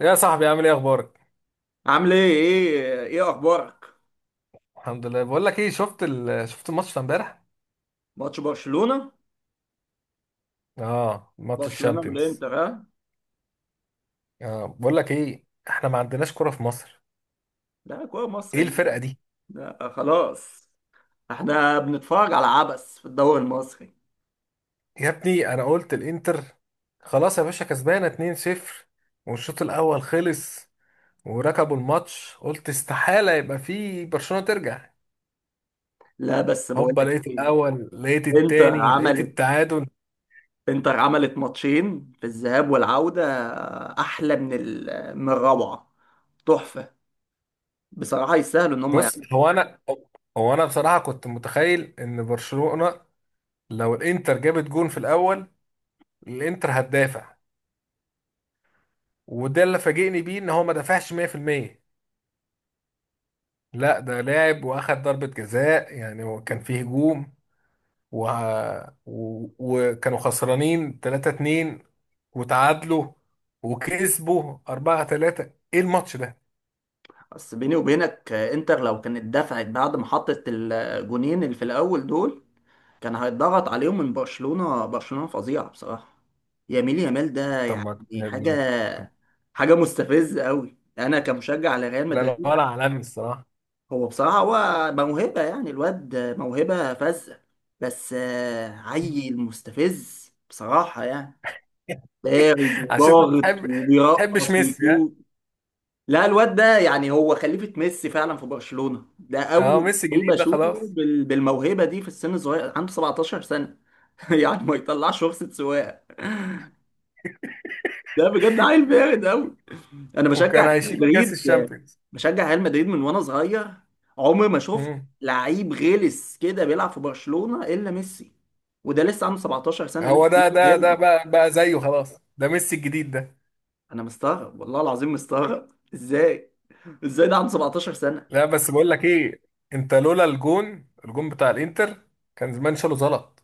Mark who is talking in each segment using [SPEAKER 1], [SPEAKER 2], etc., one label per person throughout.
[SPEAKER 1] يا صاحبي، عامل ايه؟ اخبارك؟
[SPEAKER 2] عامل ايه اخبارك
[SPEAKER 1] الحمد لله. بقول لك ايه، شفت الماتش بتاع امبارح؟
[SPEAKER 2] ماتش برشلونة،
[SPEAKER 1] اه، ماتش
[SPEAKER 2] برشلونة
[SPEAKER 1] الشامبيونز.
[SPEAKER 2] والانتر ها.
[SPEAKER 1] اه، بقول لك ايه، احنا ما عندناش كرة في مصر.
[SPEAKER 2] ده كوره
[SPEAKER 1] ايه
[SPEAKER 2] مصري،
[SPEAKER 1] الفرقة دي؟
[SPEAKER 2] ده خلاص. احنا بنتفرج على عبث في الدوري المصري.
[SPEAKER 1] يا ابني، انا قلت الانتر. خلاص يا باشا، كسبانة 2-0 والشوط الاول خلص، وركبوا الماتش، قلت استحالة يبقى في برشلونة ترجع.
[SPEAKER 2] لا بس بقول
[SPEAKER 1] هوبا،
[SPEAKER 2] لك
[SPEAKER 1] لقيت
[SPEAKER 2] ايه،
[SPEAKER 1] الاول، لقيت
[SPEAKER 2] انتر
[SPEAKER 1] التاني، لقيت
[SPEAKER 2] عملت
[SPEAKER 1] التعادل.
[SPEAKER 2] انتر عملت ماتشين في الذهاب والعودة. احلى من الروعة، تحفة. بصراحة يستاهلوا ان هم
[SPEAKER 1] بص،
[SPEAKER 2] يعملوا.
[SPEAKER 1] هو انا بصراحة كنت متخيل ان برشلونة لو الانتر جابت جون في الاول، الانتر هتدافع، وده اللي فاجئني بيه ان هو ما دافعش 100%. لا، ده لاعب واخد ضربة جزاء، يعني هو كان فيه هجوم و... وكانوا خسرانين 3-2، وتعادلوا وكسبوا 4-3. ايه الماتش ده؟
[SPEAKER 2] بس بيني وبينك انتر لو كانت دفعت بعد ما حطت الجونين اللي في الاول دول، كان هيتضغط عليهم من برشلونة. برشلونة فظيعة بصراحة، ياميل يامال ده
[SPEAKER 1] طب
[SPEAKER 2] يعني
[SPEAKER 1] ما، لا
[SPEAKER 2] حاجة حاجة مستفزة قوي، أنا كمشجع لريال
[SPEAKER 1] لا،
[SPEAKER 2] مدريد.
[SPEAKER 1] ولا عالمي الصراحة.
[SPEAKER 2] هو بصراحة هو موهبة، يعني الواد موهبة فذة. بس عيل مستفز بصراحة يعني، بارد
[SPEAKER 1] عشان انت
[SPEAKER 2] وضاغط
[SPEAKER 1] بتحب ما بتحبش
[SPEAKER 2] وبيرقص
[SPEAKER 1] ميسي، ها؟
[SPEAKER 2] ويشوط. لا الواد ده يعني هو خليفة ميسي فعلا في برشلونة، ده
[SPEAKER 1] اه،
[SPEAKER 2] أول
[SPEAKER 1] ميسي
[SPEAKER 2] لعيب
[SPEAKER 1] جديد ده
[SPEAKER 2] أشوفه
[SPEAKER 1] خلاص،
[SPEAKER 2] بالموهبة دي في السن الصغير، عنده 17 سنة. يعني ما يطلعش رخصة سواقة، ده بجد عيل بارد قوي. انا
[SPEAKER 1] وكان
[SPEAKER 2] بشجع ريال
[SPEAKER 1] هيشيل كاس
[SPEAKER 2] مدريد،
[SPEAKER 1] الشامبيونز.
[SPEAKER 2] بشجع ريال مدريد من وانا صغير. عمري ما شفت
[SPEAKER 1] مم.
[SPEAKER 2] لعيب غلس كده بيلعب في برشلونة الا ميسي، وده لسه عنده 17 سنة لسه
[SPEAKER 1] هو ده
[SPEAKER 2] بيقول
[SPEAKER 1] ده ده
[SPEAKER 2] هادي.
[SPEAKER 1] بقى زيه خلاص، ده ميسي الجديد ده.
[SPEAKER 2] انا مستغرب، والله العظيم مستغرب. ازاي ازاي ده عنده 17 سنة.
[SPEAKER 1] لا، بس بقول لك ايه، انت لولا الجون بتاع الانتر، كان زمان شاله زلط.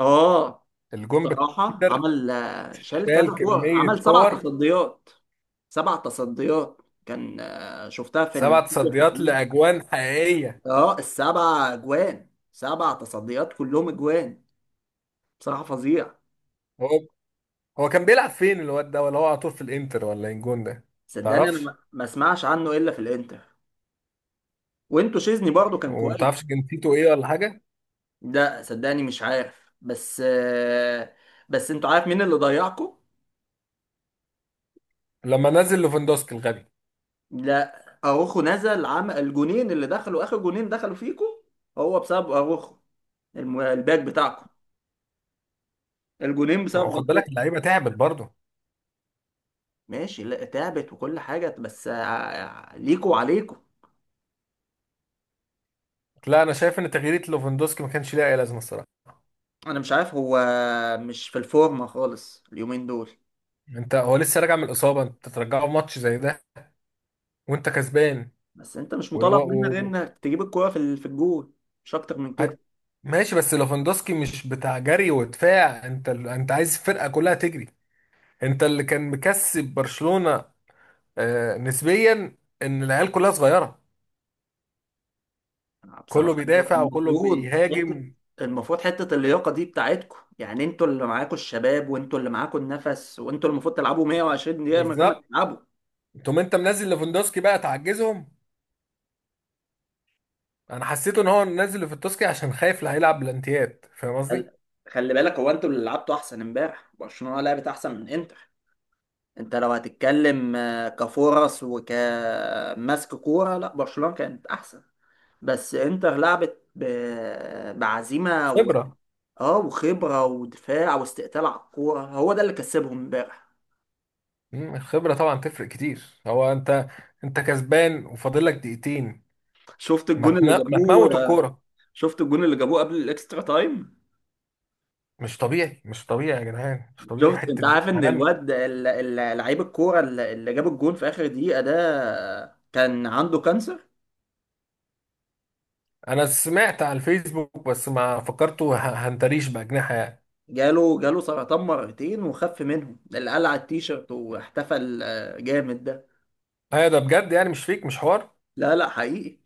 [SPEAKER 2] اه
[SPEAKER 1] الجون بتاع
[SPEAKER 2] صراحة
[SPEAKER 1] الانتر
[SPEAKER 2] عمل، شال كذا
[SPEAKER 1] شال
[SPEAKER 2] كورة،
[SPEAKER 1] كمية
[SPEAKER 2] عمل سبع
[SPEAKER 1] كور،
[SPEAKER 2] تصديات، سبع تصديات. كان شفتها في
[SPEAKER 1] سبع تصديات
[SPEAKER 2] التحليل.
[SPEAKER 1] لاجوان حقيقية.
[SPEAKER 2] اه السبع اجوان، سبع تصديات كلهم اجوان، بصراحه فظيع.
[SPEAKER 1] هو هو كان بيلعب فين الواد ده؟ ولا هو على طول في الانتر؟ ولا إيه الجون ده؟
[SPEAKER 2] صدقني انا
[SPEAKER 1] تعرفش؟
[SPEAKER 2] ما اسمعش عنه الا في الانتر، وانتوا شيزني برضو كان كويس.
[SPEAKER 1] ومتعرفش جنسيته ايه ولا حاجة؟
[SPEAKER 2] لا صدقني مش عارف، بس آه، بس انتوا عارف مين اللي ضيعكم؟
[SPEAKER 1] لما نزل لوفندوسكي الغبي،
[SPEAKER 2] لا اروخو نزل عمل الجونين اللي دخلوا، اخر جونين دخلوا فيكم هو بسبب اروخو، الباك بتاعكم، الجونين
[SPEAKER 1] هو
[SPEAKER 2] بسبب
[SPEAKER 1] خد بالك
[SPEAKER 2] غلطته.
[SPEAKER 1] اللعيبة تعبت برضه.
[SPEAKER 2] ماشي لا تعبت وكل حاجه، بس ليكوا وعليكوا.
[SPEAKER 1] لا، انا شايف ان تغيير لوفندوسكي ما كانش ليها اي لازمة الصراحة.
[SPEAKER 2] انا مش عارف هو مش في الفورمه خالص اليومين دول.
[SPEAKER 1] انت هو لسه راجع من الاصابة، انت ترجعه في ماتش زي ده؟ وانت
[SPEAKER 2] بس انت مش مطالب منك غير
[SPEAKER 1] كسبان؟
[SPEAKER 2] انك تجيب الكوره في الجول، مش اكتر من
[SPEAKER 1] ع-
[SPEAKER 2] كده.
[SPEAKER 1] ماشي، بس ليفاندوسكي مش بتاع جري ودفاع. انت انت عايز الفرقه كلها تجري. انت اللي كان مكسب برشلونه، نسبيا، ان العيال كلها صغيره، كله
[SPEAKER 2] بصراحه انت
[SPEAKER 1] بيدافع وكله
[SPEAKER 2] المفروض حته،
[SPEAKER 1] بيهاجم.
[SPEAKER 2] المفروض حته اللياقه دي بتاعتكم، يعني انتوا اللي معاكوا الشباب، وانتوا اللي معاكوا النفس، وانتوا اللي المفروض تلعبوا 120 دقيقه من غير ما
[SPEAKER 1] بالظبط،
[SPEAKER 2] تتعبوا.
[SPEAKER 1] تقوم انت منزل ليفاندوسكي بقى تعجزهم. انا حسيت ان هو منزل ليفاندوسكي عشان خايف اللي هيلعب بلانتيات، فاهم
[SPEAKER 2] خل-
[SPEAKER 1] قصدي؟
[SPEAKER 2] خلي بالك هو انتوا اللي لعبتوا احسن امبارح، برشلونه لعبت احسن من انتر. انت لو هتتكلم كفرص وكمسك كوره، لا برشلونه كانت احسن. بس انتر لعبت بعزيمه
[SPEAKER 1] خبره.
[SPEAKER 2] اه وخبره ودفاع واستقتال على الكوره، هو ده اللي كسبهم امبارح.
[SPEAKER 1] مم، الخبره طبعا تفرق كتير. هو انت انت كسبان وفاضل لك دقيقتين.
[SPEAKER 2] شفت الجون اللي
[SPEAKER 1] ما تموت
[SPEAKER 2] جابوه،
[SPEAKER 1] الكوره.
[SPEAKER 2] شفت الجون اللي جابوه قبل الاكسترا تايم؟
[SPEAKER 1] مش طبيعي، مش طبيعي يا جدعان، مش طبيعي،
[SPEAKER 2] شفت؟ انت
[SPEAKER 1] حته جول
[SPEAKER 2] عارف ان
[SPEAKER 1] عالمي.
[SPEAKER 2] الواد لعيب الكوره اللي جاب الجون في اخر دقيقه ده كان عنده كانسر،
[SPEAKER 1] انا سمعت على الفيسبوك، بس ما فكرته هنتريش باجنحه يعني.
[SPEAKER 2] جاله سرطان مرتين وخف منهم، اللي قلع التيشيرت واحتفل جامد ده.
[SPEAKER 1] ايوه، ده بجد يعني، مش فيك، مش حوار.
[SPEAKER 2] لا لا حقيقي،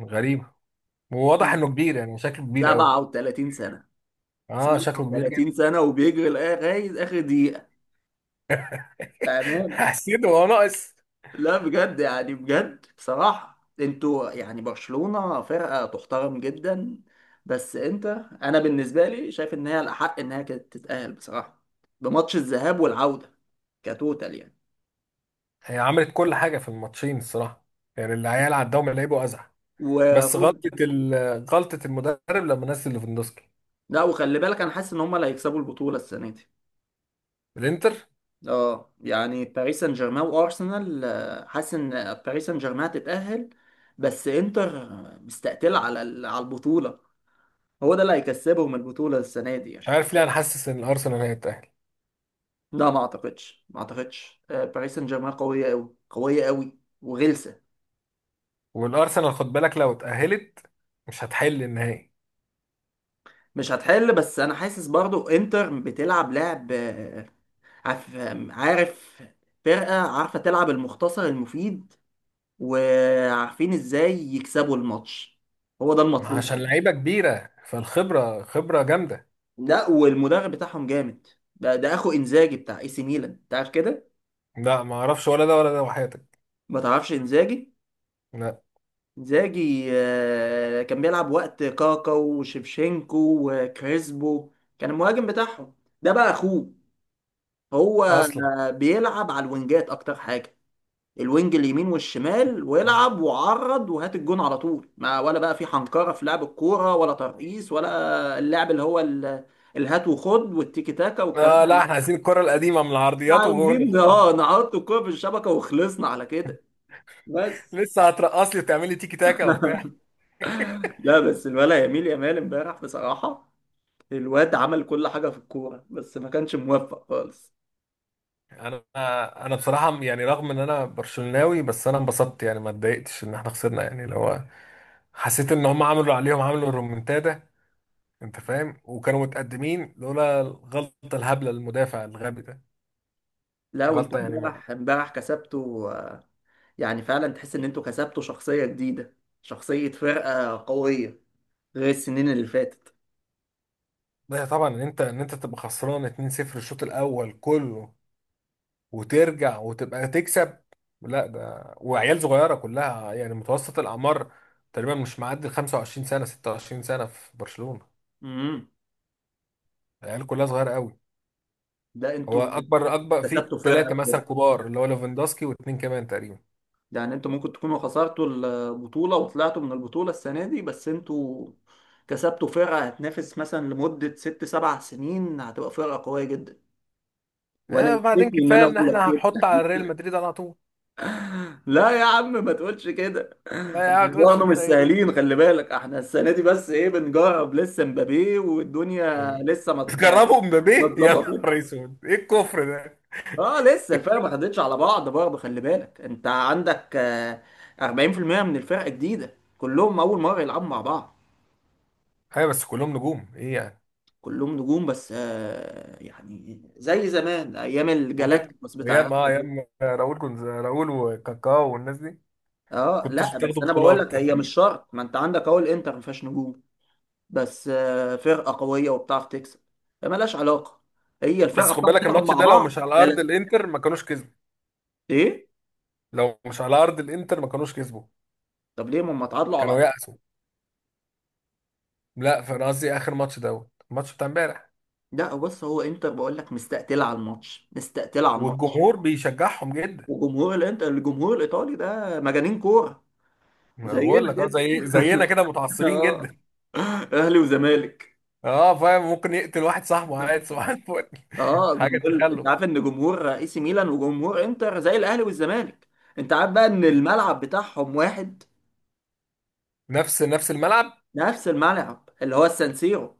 [SPEAKER 1] غريب. وواضح انه كبير، يعني شكله كبير قوي.
[SPEAKER 2] 37 سنه،
[SPEAKER 1] اه، شكله كبير جدا.
[SPEAKER 2] 30 سنة وبيجري لغاية آخر دقيقة بأمان.
[SPEAKER 1] حسيت هو ناقص.
[SPEAKER 2] لا بجد يعني، بجد بصراحة انتوا يعني برشلونة فرقة تحترم جدا. بس انت، انا بالنسبة لي شايف ان هي الأحق انها كانت تتأهل بصراحة، بماتش الذهاب والعودة كتوتال يعني.
[SPEAKER 1] هي عملت كل حاجه في الماتشين الصراحه، يعني العيال عداهم لعيبه ازعه. بس
[SPEAKER 2] وخد،
[SPEAKER 1] غلطه المدرب، لما نزل ليفاندوسكي
[SPEAKER 2] لا وخلي بالك انا حاسس ان هم اللي هيكسبوا البطولة السنة دي.
[SPEAKER 1] الانتر.
[SPEAKER 2] اه يعني باريس سان جيرمان وارسنال، حاسس ان باريس سان جيرمان هتتأهل، بس انتر مستقتلة على البطولة، هو ده اللي هيكسبهم البطولة السنة دي
[SPEAKER 1] مش
[SPEAKER 2] يعني.
[SPEAKER 1] عارف ليه، انا حاسس ان الارسنال هيتاهل.
[SPEAKER 2] لا. مم. ما اعتقدش، باريس سان جيرمان قوية قوي، قوية قوي وغلسة.
[SPEAKER 1] والارسنال خد بالك لو اتاهلت، مش هتحل النهائي.
[SPEAKER 2] مش هتحل، بس انا حاسس برضو انتر بتلعب لعب، آه، عارف، عارف، فرقة عارفة تلعب المختصر المفيد، وعارفين ازاي يكسبوا الماتش، هو ده
[SPEAKER 1] ما
[SPEAKER 2] المطلوب.
[SPEAKER 1] عشان لعيبه كبيره، فالخبره خبره جامده.
[SPEAKER 2] لا والمدرب بتاعهم جامد، ده اخو انزاجي بتاع اي سي ميلان تعرف كده؟
[SPEAKER 1] لا، ما اعرفش ولا ده ولا ده وحياتك.
[SPEAKER 2] ما تعرفش انزاجي؟
[SPEAKER 1] لا.
[SPEAKER 2] انزاجي كان بيلعب وقت كاكا وشيفشينكو وكريسبو، كان المهاجم بتاعهم. ده بقى اخوه، هو
[SPEAKER 1] اصلا.
[SPEAKER 2] بيلعب على الوينجات اكتر حاجه، الوينج اليمين والشمال ويلعب وعرض وهات الجون على طول، ما ولا بقى في حنكره في لعب الكوره، ولا ترقيص، ولا اللعب اللي هو الهات وخد والتيكي تاكا والكلام
[SPEAKER 1] لا،
[SPEAKER 2] ده.
[SPEAKER 1] احنا عايزين الكره القديمه، من
[SPEAKER 2] إحنا
[SPEAKER 1] العرضيات وجون
[SPEAKER 2] عايزين
[SPEAKER 1] خلاص.
[SPEAKER 2] اه نحط الكوره في الشبكه وخلصنا على كده بس.
[SPEAKER 1] لسه هترقص لي وتعمل لي تيكي تاكا وبتاع؟
[SPEAKER 2] لا بس الولا يميل يامال امبارح بصراحه، الواد عمل كل حاجة في الكورة بس ما كانش موفق خالص.
[SPEAKER 1] انا انا بصراحه يعني، رغم ان انا برشلوناوي، بس انا انبسطت يعني، ما اتضايقتش ان احنا خسرنا، يعني لو حسيت ان هم عملوا عليهم، عملوا الرومنتادا. انت فاهم، وكانوا متقدمين لولا الغلطه الهبله، المدافع الغبي ده.
[SPEAKER 2] لا وانتوا
[SPEAKER 1] غلطه يعني.
[SPEAKER 2] امبارح كسبتوا آه، يعني فعلا تحس ان انتوا كسبتوا شخصية جديدة، شخصية فرقة قوية غير السنين اللي فاتت.
[SPEAKER 1] لا طبعا، ان انت تبقى خسران 2-0 الشوط الاول كله، وترجع وتبقى تكسب. لا، ده وعيال صغيره كلها، يعني متوسط الاعمار تقريبا مش معدي ال 25 سنه 26 سنه في برشلونه،
[SPEAKER 2] امم،
[SPEAKER 1] العيال كلها صغيره قوي.
[SPEAKER 2] ده
[SPEAKER 1] هو
[SPEAKER 2] انتوا
[SPEAKER 1] اكبر في
[SPEAKER 2] كسبتوا فرقة
[SPEAKER 1] ثلاثه مثلا
[SPEAKER 2] بجد.
[SPEAKER 1] كبار، اللي هو ليفاندوسكي واثنين كمان تقريبا.
[SPEAKER 2] يعني انتوا ممكن تكونوا خسرتوا البطولة وطلعتوا من البطولة السنة دي، بس انتوا كسبتوا فرقة هتنافس مثلا لمدة ست سبع سنين، هتبقى فرقة قوية جدا. وانا
[SPEAKER 1] آه، بعدين
[SPEAKER 2] يكفي ان
[SPEAKER 1] كفايه
[SPEAKER 2] انا
[SPEAKER 1] ان
[SPEAKER 2] اقول لك.
[SPEAKER 1] احنا هنحط على ريال مدريد على طول.
[SPEAKER 2] لا يا عم ما تقولش كده، احنا
[SPEAKER 1] لا يا عم، تقولش
[SPEAKER 2] برضه مش
[SPEAKER 1] كده ايه؟
[SPEAKER 2] سهلين، خلي بالك احنا السنه دي بس ايه بنجرب لسه مبابي، والدنيا لسه
[SPEAKER 1] تجربوا
[SPEAKER 2] ما
[SPEAKER 1] مبابي؟ يا
[SPEAKER 2] اتظبطتش.
[SPEAKER 1] نهار اسود، ايه الكفر ده؟
[SPEAKER 2] اه لسه الفرقه ما خدتش على بعض برضه، خلي بالك انت عندك 40% من الفرقه جديده، كلهم اول مره يلعبوا مع بعض.
[SPEAKER 1] ايوه، بس كلهم نجوم ايه يعني؟
[SPEAKER 2] كلهم نجوم بس آه، يعني زي زمان ايام
[SPEAKER 1] وجبت؟
[SPEAKER 2] الجالاكتيكوس بتاع ريال
[SPEAKER 1] ايام اه
[SPEAKER 2] مدريد.
[SPEAKER 1] ايام آه، راؤول، كنت راؤول وكاكاو والناس دي.
[SPEAKER 2] اه
[SPEAKER 1] كنتش
[SPEAKER 2] لا بس
[SPEAKER 1] بتاخدوا
[SPEAKER 2] انا بقول
[SPEAKER 1] بطولات؟
[SPEAKER 2] لك هي مش شرط، ما انت عندك اهو الانتر ما فيهاش نجوم، بس آه، فرقه قويه وبتعرف تكسب. مالهاش علاقه، هي
[SPEAKER 1] بس
[SPEAKER 2] الفرقه
[SPEAKER 1] خد
[SPEAKER 2] بتعرف
[SPEAKER 1] بالك،
[SPEAKER 2] تلعب
[SPEAKER 1] الماتش
[SPEAKER 2] مع
[SPEAKER 1] ده لو
[SPEAKER 2] بعض.
[SPEAKER 1] مش على
[SPEAKER 2] يا
[SPEAKER 1] ارض
[SPEAKER 2] لا،
[SPEAKER 1] الانتر ما كانوش كسبوا،
[SPEAKER 2] ايه؟
[SPEAKER 1] لو مش على ارض الانتر ما كانوش كسبوا،
[SPEAKER 2] طب ليه ما هم اتعادلوا على
[SPEAKER 1] كانوا
[SPEAKER 2] الأرض؟
[SPEAKER 1] يأسوا. لا، فانا قصدي اخر ماتش، دوت الماتش بتاع امبارح.
[SPEAKER 2] لا بص هو انتر بقول لك مستقتله على الماتش، مستقتله على الماتش.
[SPEAKER 1] والجمهور بيشجعهم جدا.
[SPEAKER 2] وجمهور الانتر، الجمهور الايطالي ده مجانين كوره،
[SPEAKER 1] ما
[SPEAKER 2] زينا
[SPEAKER 1] بقول لك،
[SPEAKER 2] كده.
[SPEAKER 1] زي زينا كده، متعصبين
[SPEAKER 2] اه،
[SPEAKER 1] جدا.
[SPEAKER 2] اهلي وزمالك.
[SPEAKER 1] اه فاهم، ممكن يقتل واحد صاحبه عادي صباح الفل.
[SPEAKER 2] اه
[SPEAKER 1] حاجه
[SPEAKER 2] جمهور، انت
[SPEAKER 1] تخلف.
[SPEAKER 2] عارف ان جمهور اي سي ميلان وجمهور انتر زي الاهلي والزمالك؟ انت عارف بقى ان الملعب بتاعهم واحد،
[SPEAKER 1] نفس الملعب.
[SPEAKER 2] نفس الملعب اللي هو السانسيرو.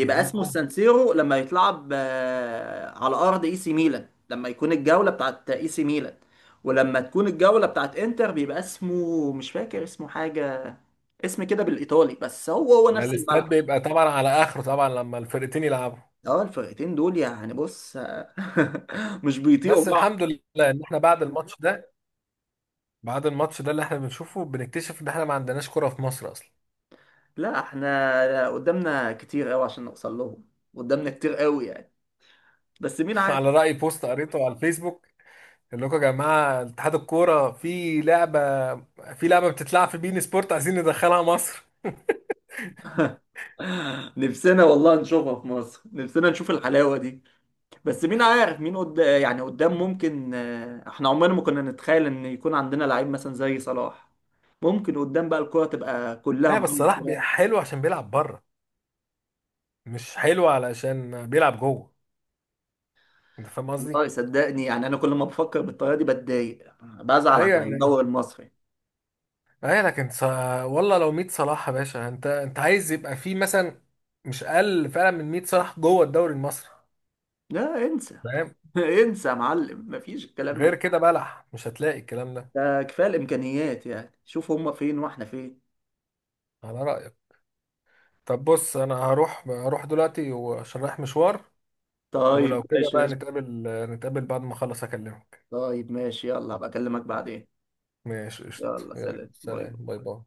[SPEAKER 1] يا دين
[SPEAKER 2] اسمه
[SPEAKER 1] ام.
[SPEAKER 2] السانسيرو لما يتلعب على ارض اي سي ميلان، لما يكون الجوله بتاعت اي سي ميلان، ولما تكون الجوله بتاعت انتر بيبقى اسمه مش فاكر اسمه، حاجه اسم كده بالايطالي، بس هو
[SPEAKER 1] ده
[SPEAKER 2] نفس
[SPEAKER 1] الاستاد
[SPEAKER 2] الملعب.
[SPEAKER 1] بيبقى طبعا على اخره طبعا، لما الفرقتين يلعبوا.
[SPEAKER 2] اه الفرقتين دول يعني بص آه، مش بيطيقوا
[SPEAKER 1] بس الحمد
[SPEAKER 2] بعض.
[SPEAKER 1] لله ان احنا، بعد الماتش ده اللي احنا بنشوفه، بنكتشف ان احنا ما عندناش كرة في مصر اصلا.
[SPEAKER 2] لا احنا قدامنا كتير قوي عشان نوصل لهم، قدامنا كتير قوي يعني، بس مين عارف؟
[SPEAKER 1] على رأي بوست قريته على الفيسبوك، اللي لكم يا جماعة اتحاد الكورة، في لعبة بتتلعب في بين سبورت، عايزين ندخلها مصر.
[SPEAKER 2] نفسنا والله نشوفها في مصر، نفسنا نشوف الحلاوه دي. بس مين عارف، يعني قدام ممكن آه، احنا عمرنا ما كنا نتخيل ان يكون عندنا لعيب مثلا زي صلاح، ممكن قدام بقى الكرة تبقى كلها
[SPEAKER 1] اه بس
[SPEAKER 2] محمد
[SPEAKER 1] صلاح
[SPEAKER 2] صلاح.
[SPEAKER 1] حلو عشان بيلعب بره، مش حلو علشان بيلعب جوه. انت فاهم قصدي؟
[SPEAKER 2] والله صدقني يعني انا كل ما بفكر بالطريقة دي بتضايق، بزعل
[SPEAKER 1] ايوه
[SPEAKER 2] على
[SPEAKER 1] يعني،
[SPEAKER 2] الدوري المصري.
[SPEAKER 1] ايوه لكن والله لو 100 صلاح يا باشا، انت عايز يبقى في مثلا مش اقل فعلا من 100 صلاح جوه الدوري المصري.
[SPEAKER 2] لا انسى،
[SPEAKER 1] فاهم؟
[SPEAKER 2] انسى يا معلم مفيش الكلام
[SPEAKER 1] غير
[SPEAKER 2] ده،
[SPEAKER 1] كده بلح، مش هتلاقي الكلام ده.
[SPEAKER 2] ده كفاية الامكانيات، يعني شوف هما فين واحنا فين.
[SPEAKER 1] على رأيك. طب بص، انا هروح دلوقتي وعشان رايح مشوار.
[SPEAKER 2] طيب
[SPEAKER 1] ولو كده بقى
[SPEAKER 2] ماشي.
[SPEAKER 1] نتقابل، نتقابل بعد ما اخلص اكلمك.
[SPEAKER 2] طيب ماشي يلا هبقى اكلمك بعدين.
[SPEAKER 1] ماشي قشطة،
[SPEAKER 2] يلا
[SPEAKER 1] يلا
[SPEAKER 2] سلام باي.
[SPEAKER 1] سلام، باي باي.